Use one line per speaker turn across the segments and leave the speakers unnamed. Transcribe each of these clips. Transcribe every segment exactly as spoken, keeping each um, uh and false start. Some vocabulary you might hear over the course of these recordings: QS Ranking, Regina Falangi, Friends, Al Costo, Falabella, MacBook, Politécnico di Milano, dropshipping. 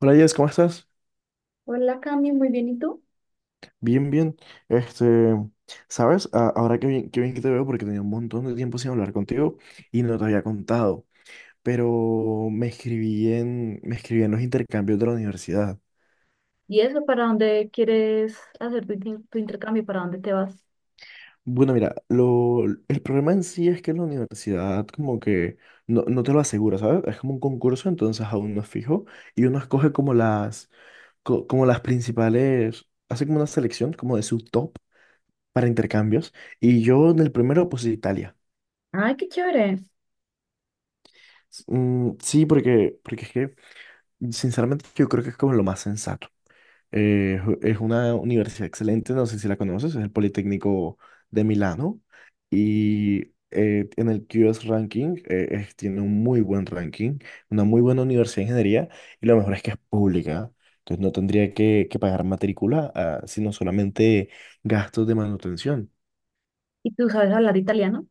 Hola Jess, ¿cómo estás?
Hola Cami, muy bien, ¿y tú?
Bien, bien. Este, ¿sabes? A- Ahora qué bien, qué bien que te veo porque tenía un montón de tiempo sin hablar contigo y no te había contado. Pero me escribí en, me escribí en los intercambios de la universidad.
¿Y eso para dónde quieres hacer tu, inter- tu intercambio? ¿Para dónde te vas?
Bueno, mira, lo, el problema en sí es que la universidad como que no, no te lo asegura, ¿sabes? Es como un concurso, entonces aún no es fijo y uno escoge como las, co- como las principales, hace como una selección como de su top para intercambios y yo en el primero puse Italia.
Ay, qué chévere.
Mm, sí, porque, porque es que, sinceramente, yo creo que es como lo más sensato. Eh, es u- es una universidad excelente, no sé si la conoces, es el Politécnico de Milano y eh, en el Q S Ranking eh, es- tiene un muy buen ranking, una muy buena universidad de ingeniería y lo mejor es que es pública. Entonces no tendría que, que pagar matrícula, ah, sino solamente gastos de manutención.
¿Y tú sabes hablar italiano?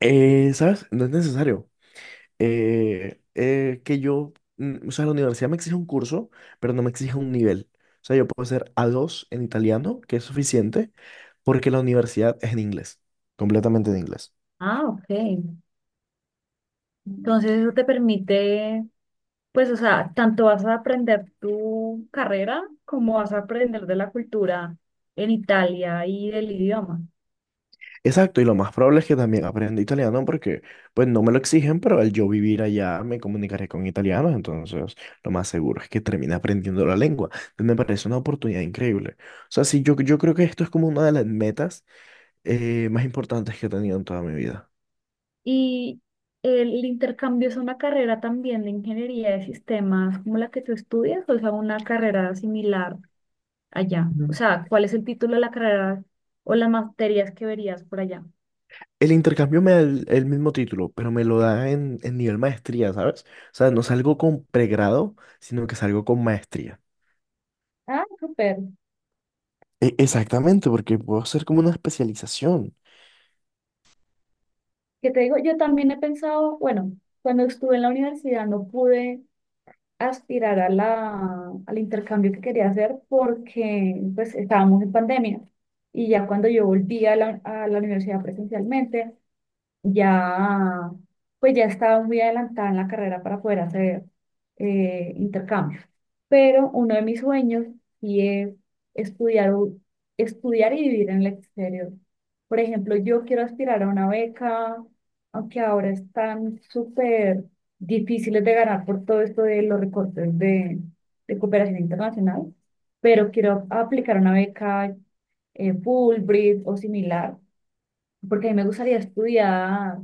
Eh, ¿sabes? No es necesario. Eh, eh, que yo, mm, o sea, la universidad me exige un curso, pero no me exige un nivel. O sea, yo puedo ser a dos en italiano, que es suficiente, porque la universidad es en inglés, completamente en inglés.
Ah, ok. Mm. Entonces eso te permite, pues, o sea, tanto vas a aprender tu carrera como vas a aprender de la cultura en Italia y del idioma.
Exacto, y lo más probable es que también aprenda italiano porque, pues, no me lo exigen, pero al yo vivir allá me comunicaré con italianos, entonces lo más seguro es que termine aprendiendo la lengua. Entonces, me parece una oportunidad increíble. O sea, sí, yo, yo creo que esto es como una de las metas eh, más importantes que he tenido en toda mi vida.
Y el intercambio es una carrera también de ingeniería de sistemas como la que tú estudias, o sea, una carrera similar allá? O sea, ¿cuál es el título de la carrera o las materias que verías por allá?
El intercambio me da el, el mismo título, pero me lo da en, en nivel maestría, ¿sabes? O sea, no salgo con pregrado, sino que salgo con maestría.
Ah, súper.
E- exactamente, porque puedo hacer como una especialización.
Que te digo, yo también he pensado, bueno, cuando estuve en la universidad no pude aspirar a la, al intercambio que quería hacer porque pues estábamos en pandemia. Y ya cuando yo volví a la, a la universidad presencialmente, ya, pues ya estaba muy adelantada en la carrera para poder hacer eh, intercambios. Pero uno de mis sueños sí es estudiar, u- estudiar y vivir en el exterior. Por ejemplo, yo quiero aspirar a una beca, aunque ahora están súper difíciles de ganar por todo esto de los recortes de, de cooperación internacional, pero quiero aplicar una beca eh, Fulbright o similar, porque a mí me gustaría estudiar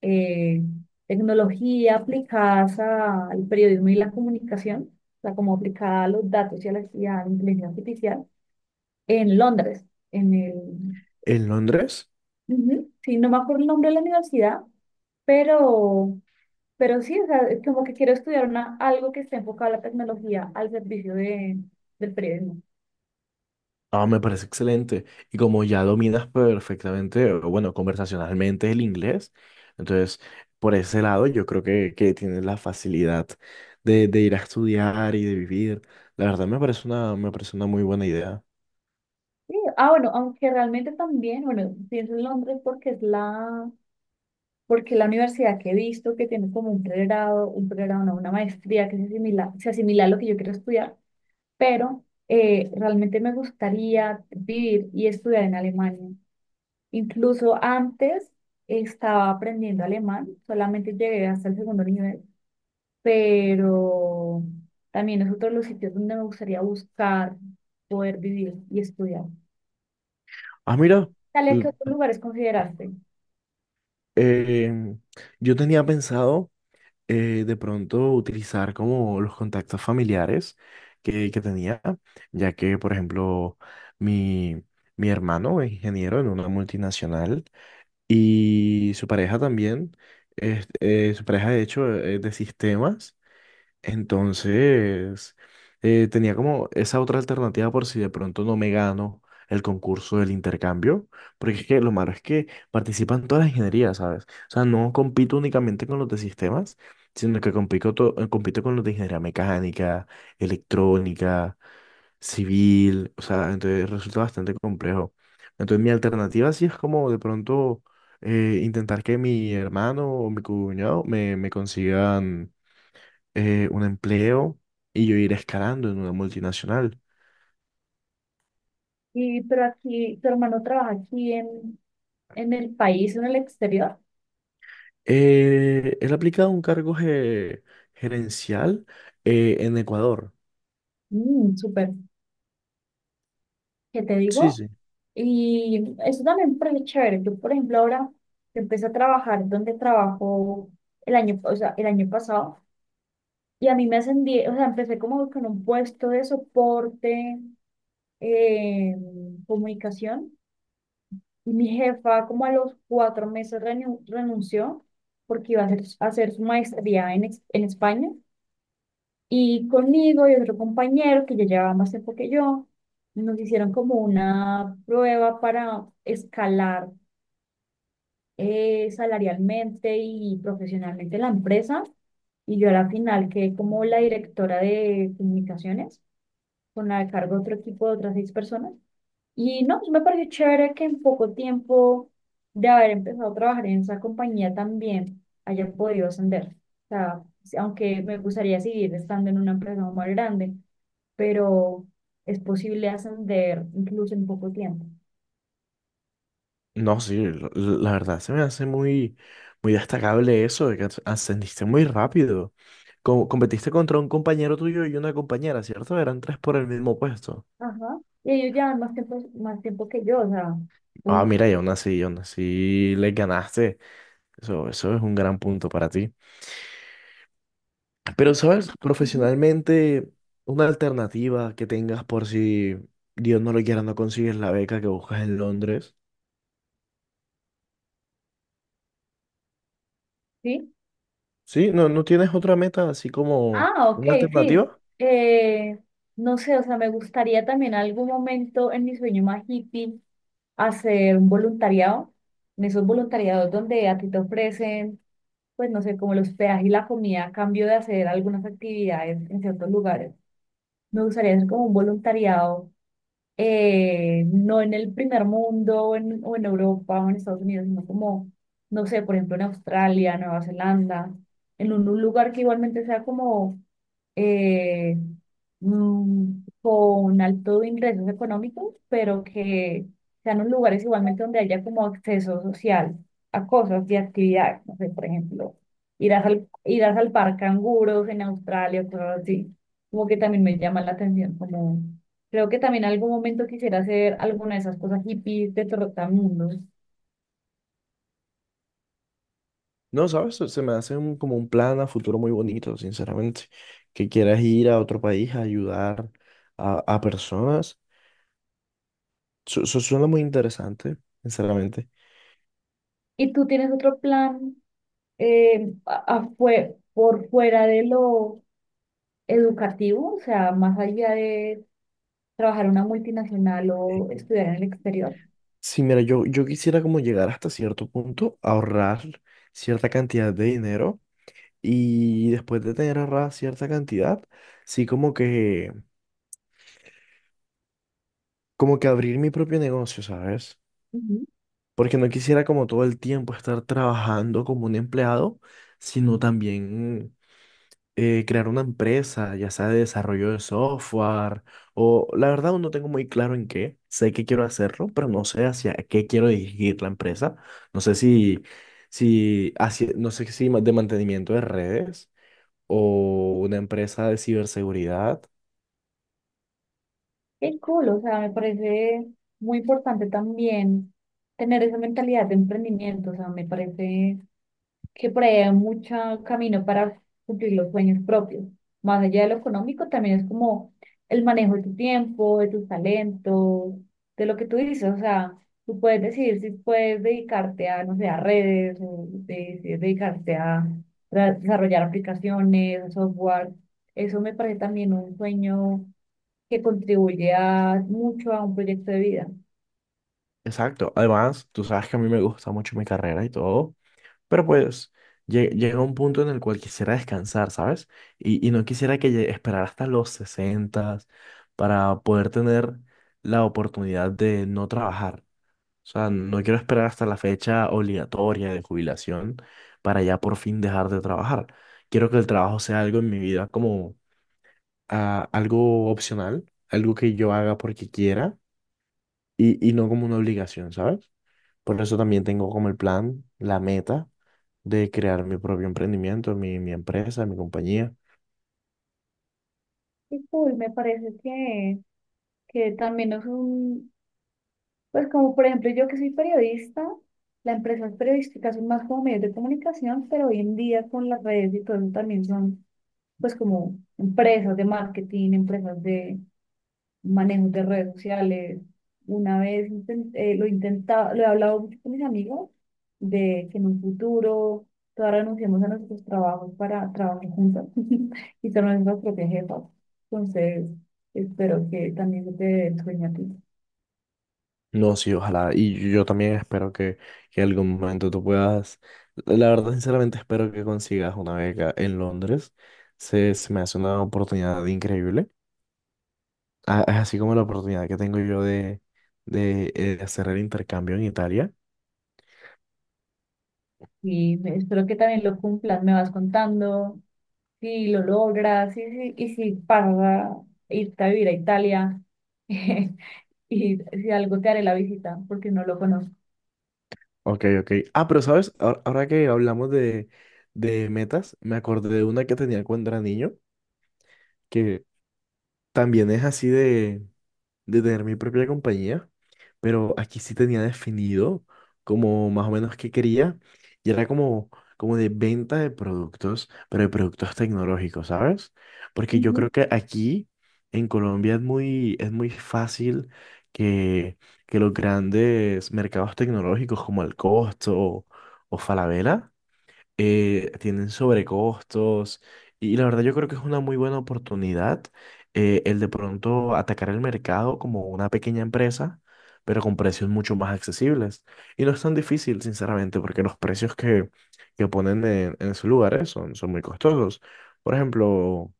eh, tecnología aplicadas a- al periodismo y la comunicación, o sea, como aplicada a los datos y a la, y a la inteligencia artificial, en Londres, en el,
En Londres,
ujú, sí, no me acuerdo el nombre de la universidad, pero, pero sí, o sea, es como que quiero estudiar una, algo que esté enfocado a la tecnología al servicio de, del periodismo.
ah, me parece excelente. Y como ya dominas perfectamente, o bueno, conversacionalmente el inglés, entonces, por ese lado, yo creo que, que tienes la facilidad de, de ir a estudiar y de vivir. La verdad, me parece una, me parece una muy buena idea.
Sí, ah, bueno, aunque realmente también, bueno, pienso en Londres porque es la, porque la universidad que he visto que tiene como un pregrado, un pregrado, no, una maestría que se asimila, se asimila a lo que yo quiero estudiar, pero eh, realmente me gustaría vivir y estudiar en Alemania. Incluso antes estaba aprendiendo alemán, solamente llegué hasta el segundo nivel, pero también es otro de los sitios donde me gustaría buscar poder vivir y estudiar.
Ah, mira.
Talia, ¿qué otros lugares consideraste?
Em, yo tenía pensado eh, de pronto utilizar como los contactos familiares que, que tenía, ya que, por ejemplo, mi, mi hermano es ingeniero en una multinacional y su pareja también, es- eh, su pareja de hecho es de sistemas entonces, eh, tenía como esa otra alternativa por si de pronto no me gano el concurso del intercambio, porque es que lo malo es que participan todas las ingenierías, ¿sabes? O sea, no compito únicamente con los de sistemas, sino que compito, to- eh, compito con los de ingeniería mecánica, electrónica, civil, o sea, entonces resulta bastante complejo. Entonces, mi alternativa sí es como de pronto eh, intentar que mi hermano o mi cuñado me, me consigan eh, un empleo y yo ir escalando en una multinacional.
Y, pero aquí, tu hermano trabaja aquí en, en el país o en el exterior.
Eh, él ha aplicado un cargo ge- gerencial eh, en Ecuador.
Mm, súper. ¿Qué te
Sí,
digo?
sí.
Y eso también me parece chévere. Yo, por ejemplo, ahora empecé a trabajar donde trabajo el año, o sea, el año pasado y a mí me ascendí, o sea, empecé como con un puesto de soporte, eh, comunicación y mi jefa como a los cuatro meses renu- renunció porque iba a hacer, a hacer su maestría en, ex- en España. Y conmigo y otro compañero que ya llevaba más tiempo que yo, nos hicieron como una prueba para escalar eh, salarialmente y profesionalmente la empresa. Y yo a la final quedé como la directora de comunicaciones, con la cargo de otro equipo de otras seis personas. Y no, pues me pareció chévere que en poco tiempo de haber empezado a trabajar en esa compañía también haya podido ascender. O sea, sí, aunque me gustaría seguir estando en una empresa más grande, pero es posible ascender incluso en poco tiempo.
No, sí, la la verdad se me hace muy, muy destacable eso de que as- ascendiste muy rápido. Co- competiste contra un compañero tuyo y una compañera, ¿cierto? Eran tres por el mismo puesto.
Ajá. Y ellos llevan más tiempo, más tiempo que yo, o sea,
Ah,
un...
mira, y aún así, y aún así le ganaste. Eso, eso es un gran punto para ti. Pero, ¿sabes?
Ujú.
Profesionalmente, una alternativa que tengas por si Dios no lo quiera, no consigues la beca que buscas en Londres.
¿Sí?
Sí, no, no tienes otra meta así como
Ah, ok,
una
sí.
alternativa.
Eh, no sé, o sea, me gustaría también algún momento en mi sueño más hippie hacer un voluntariado, en esos voluntariados donde a ti te ofrecen, pues no sé, como los hospedaje y la comida a cambio de hacer algunas actividades en ciertos lugares. Me gustaría hacer como un voluntariado, eh, no en el primer mundo o en, o en Europa o en Estados Unidos, sino como, no sé, por ejemplo, en Australia, Nueva Zelanda, en un un lugar que igualmente sea como eh, mm, con altos ingresos económicos, pero que sean los lugares igualmente donde haya como acceso social a cosas y actividades. No sé, por ejemplo, irás al, irás al par canguros en Australia, cosas así. Como que también me llama la atención, como creo que también en algún momento quisiera hacer alguna de esas cosas hippies de trotamundos.
No, ¿sabes? Se se me hace un- como un plan a futuro muy bonito, sinceramente. Que quieras ir a otro país a ayudar a, a personas. Eso eso suena muy interesante, sinceramente.
¿Y tú tienes otro plan eh, a- a fue- por fuera de lo educativo, o sea, más allá de trabajar en una multinacional
Eh,
o estudiar en el exterior?
Sí, mira, yo, yo quisiera como llegar hasta cierto punto, ahorrar cierta cantidad de dinero. Y después de tener ahorrada cierta cantidad, sí como que, como que abrir mi propio negocio, ¿sabes?
Ujú.
Porque no quisiera como todo el tiempo estar trabajando como un empleado, sino también eh, crear una empresa, ya sea de desarrollo de software, o la verdad aún no tengo muy claro en qué, sé que quiero hacerlo, pero no sé hacia qué quiero dirigir la empresa, no sé si, si hacia, no sé si ma- de mantenimiento de redes o una empresa de ciberseguridad.
Qué cool, o sea, me parece muy importante también tener esa mentalidad de emprendimiento, o sea, me parece que por ahí hay mucho camino para cumplir los sueños propios. Más allá de lo económico, también es como el manejo de tu tiempo, de tus talentos, de lo que tú dices. O sea, tú puedes decidir si puedes dedicarte a, no sé, a redes, o de- si dedicarte a tra- desarrollar aplicaciones, software. Eso me parece también un sueño que contribuye a- mucho a un proyecto de vida.
Exacto. Además, tú sabes que a mí me gusta mucho mi carrera y todo, pero pues lle- llega un punto en el cual quisiera descansar, ¿sabes? Y, y no quisiera que lle- esperar hasta los sesenta para poder tener la oportunidad de no trabajar. O sea, no quiero esperar hasta la fecha obligatoria de jubilación para ya por fin dejar de trabajar. Quiero que el trabajo sea algo en mi vida como ah, algo opcional, algo que yo haga porque quiera y, y no como una obligación, ¿sabes? Por eso también tengo como el plan, la meta de crear mi propio emprendimiento, mi, mi empresa, mi compañía.
Y cool, me parece que, que también es un, pues como por ejemplo yo que soy periodista, las empresas periodísticas son más como medios de comunicación, pero hoy en día con las redes y todo eso también son pues como empresas de marketing, empresas de manejo de redes sociales. Una vez inten- eh, lo intentaba, lo he hablado mucho con mis amigos de que en un futuro todas renunciamos a nuestros trabajos para trabajar juntas y ser nuestras propias jefas. Entonces, espero que también se te dé el sueño a ti.
No, sí, ojalá. Y yo también espero que, que en algún momento tú puedas, la verdad, sinceramente espero que consigas una beca en Londres. Se, se me hace una oportunidad increíble. A- Así como la oportunidad que tengo yo de, de, eh, de hacer el intercambio en Italia.
Y me- espero que también lo cumplas, me vas contando si lo logras y, si y si pasas a irte a vivir a Italia y si algo te haré la visita porque no lo conozco.
Ok, ok. Ah, pero sabes, ahora, ahora que hablamos de, de metas, me acordé de una que tenía cuando era niño. Que También es así de, de tener mi propia compañía, pero aquí sí tenía definido como más o menos qué quería y era como, como de venta de productos, pero de productos tecnológicos, ¿sabes? Porque yo
Ujú,
creo que aquí en Colombia es muy, es muy fácil que, que los grandes mercados tecnológicos como el Costo o, o Falabella eh, tienen sobrecostos y la verdad yo creo que es una muy buena oportunidad eh, el de pronto atacar el mercado como una pequeña empresa, pero con precios mucho más accesibles. Y no es tan difícil, sinceramente, porque los precios que, que ponen en, en sus lugares son, son muy costosos. Por ejemplo,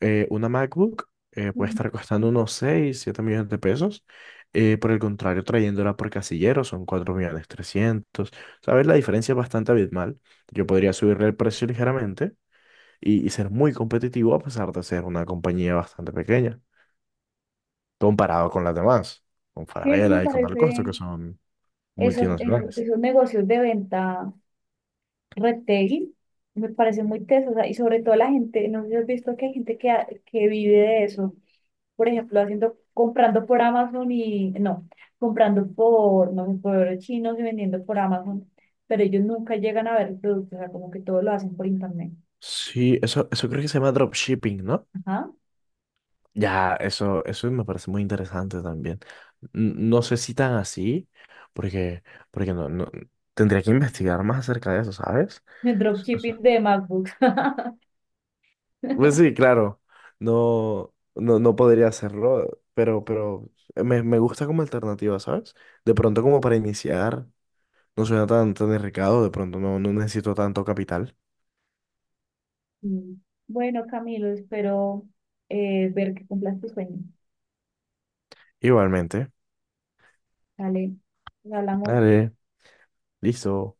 eh, una MacBook eh, puede
ujú.
estar costando unos seis siete millones de pesos. Eh, por el contrario, trayéndola por casillero son cuatro millones trescientos. ¿Sabes? La diferencia es bastante abismal. Yo podría subirle el precio ligeramente y, y ser muy competitivo a pesar de ser una compañía bastante pequeña, comparado con las demás, con
Sí, eso me
Falabella y con Al Costo,
parece,
que son
esos, esos,
multinacionales.
esos negocios de venta retail me parecen muy tesos, o sea, y sobre todo la gente, no sé si has visto que hay gente que, ha- que vive de eso, por ejemplo, haciendo, comprando por Amazon y, no, comprando por, no sé, por chinos y vendiendo por Amazon, pero ellos nunca llegan a ver el producto, o sea, como que todo lo hacen por internet.
Sí, eso, eso creo que se llama dropshipping, ¿no?
Ajá.
Ya, eso, eso me parece muy interesante también. N- No sé si tan así, porque, porque no, no, tendría que investigar más acerca de eso, ¿sabes?
El dropshipping de MacBooks.
Pues sí, claro, no, no, no podría hacerlo, pero, pero me, me gusta como alternativa, ¿sabes? De pronto como para iniciar, no suena tan, tan arriesgado, de pronto no, no necesito tanto capital.
Mm. Bueno, Camilo, espero eh, ver que cumplas tu sueño.
Igualmente,
Dale, nos hablamos.
vale, listo.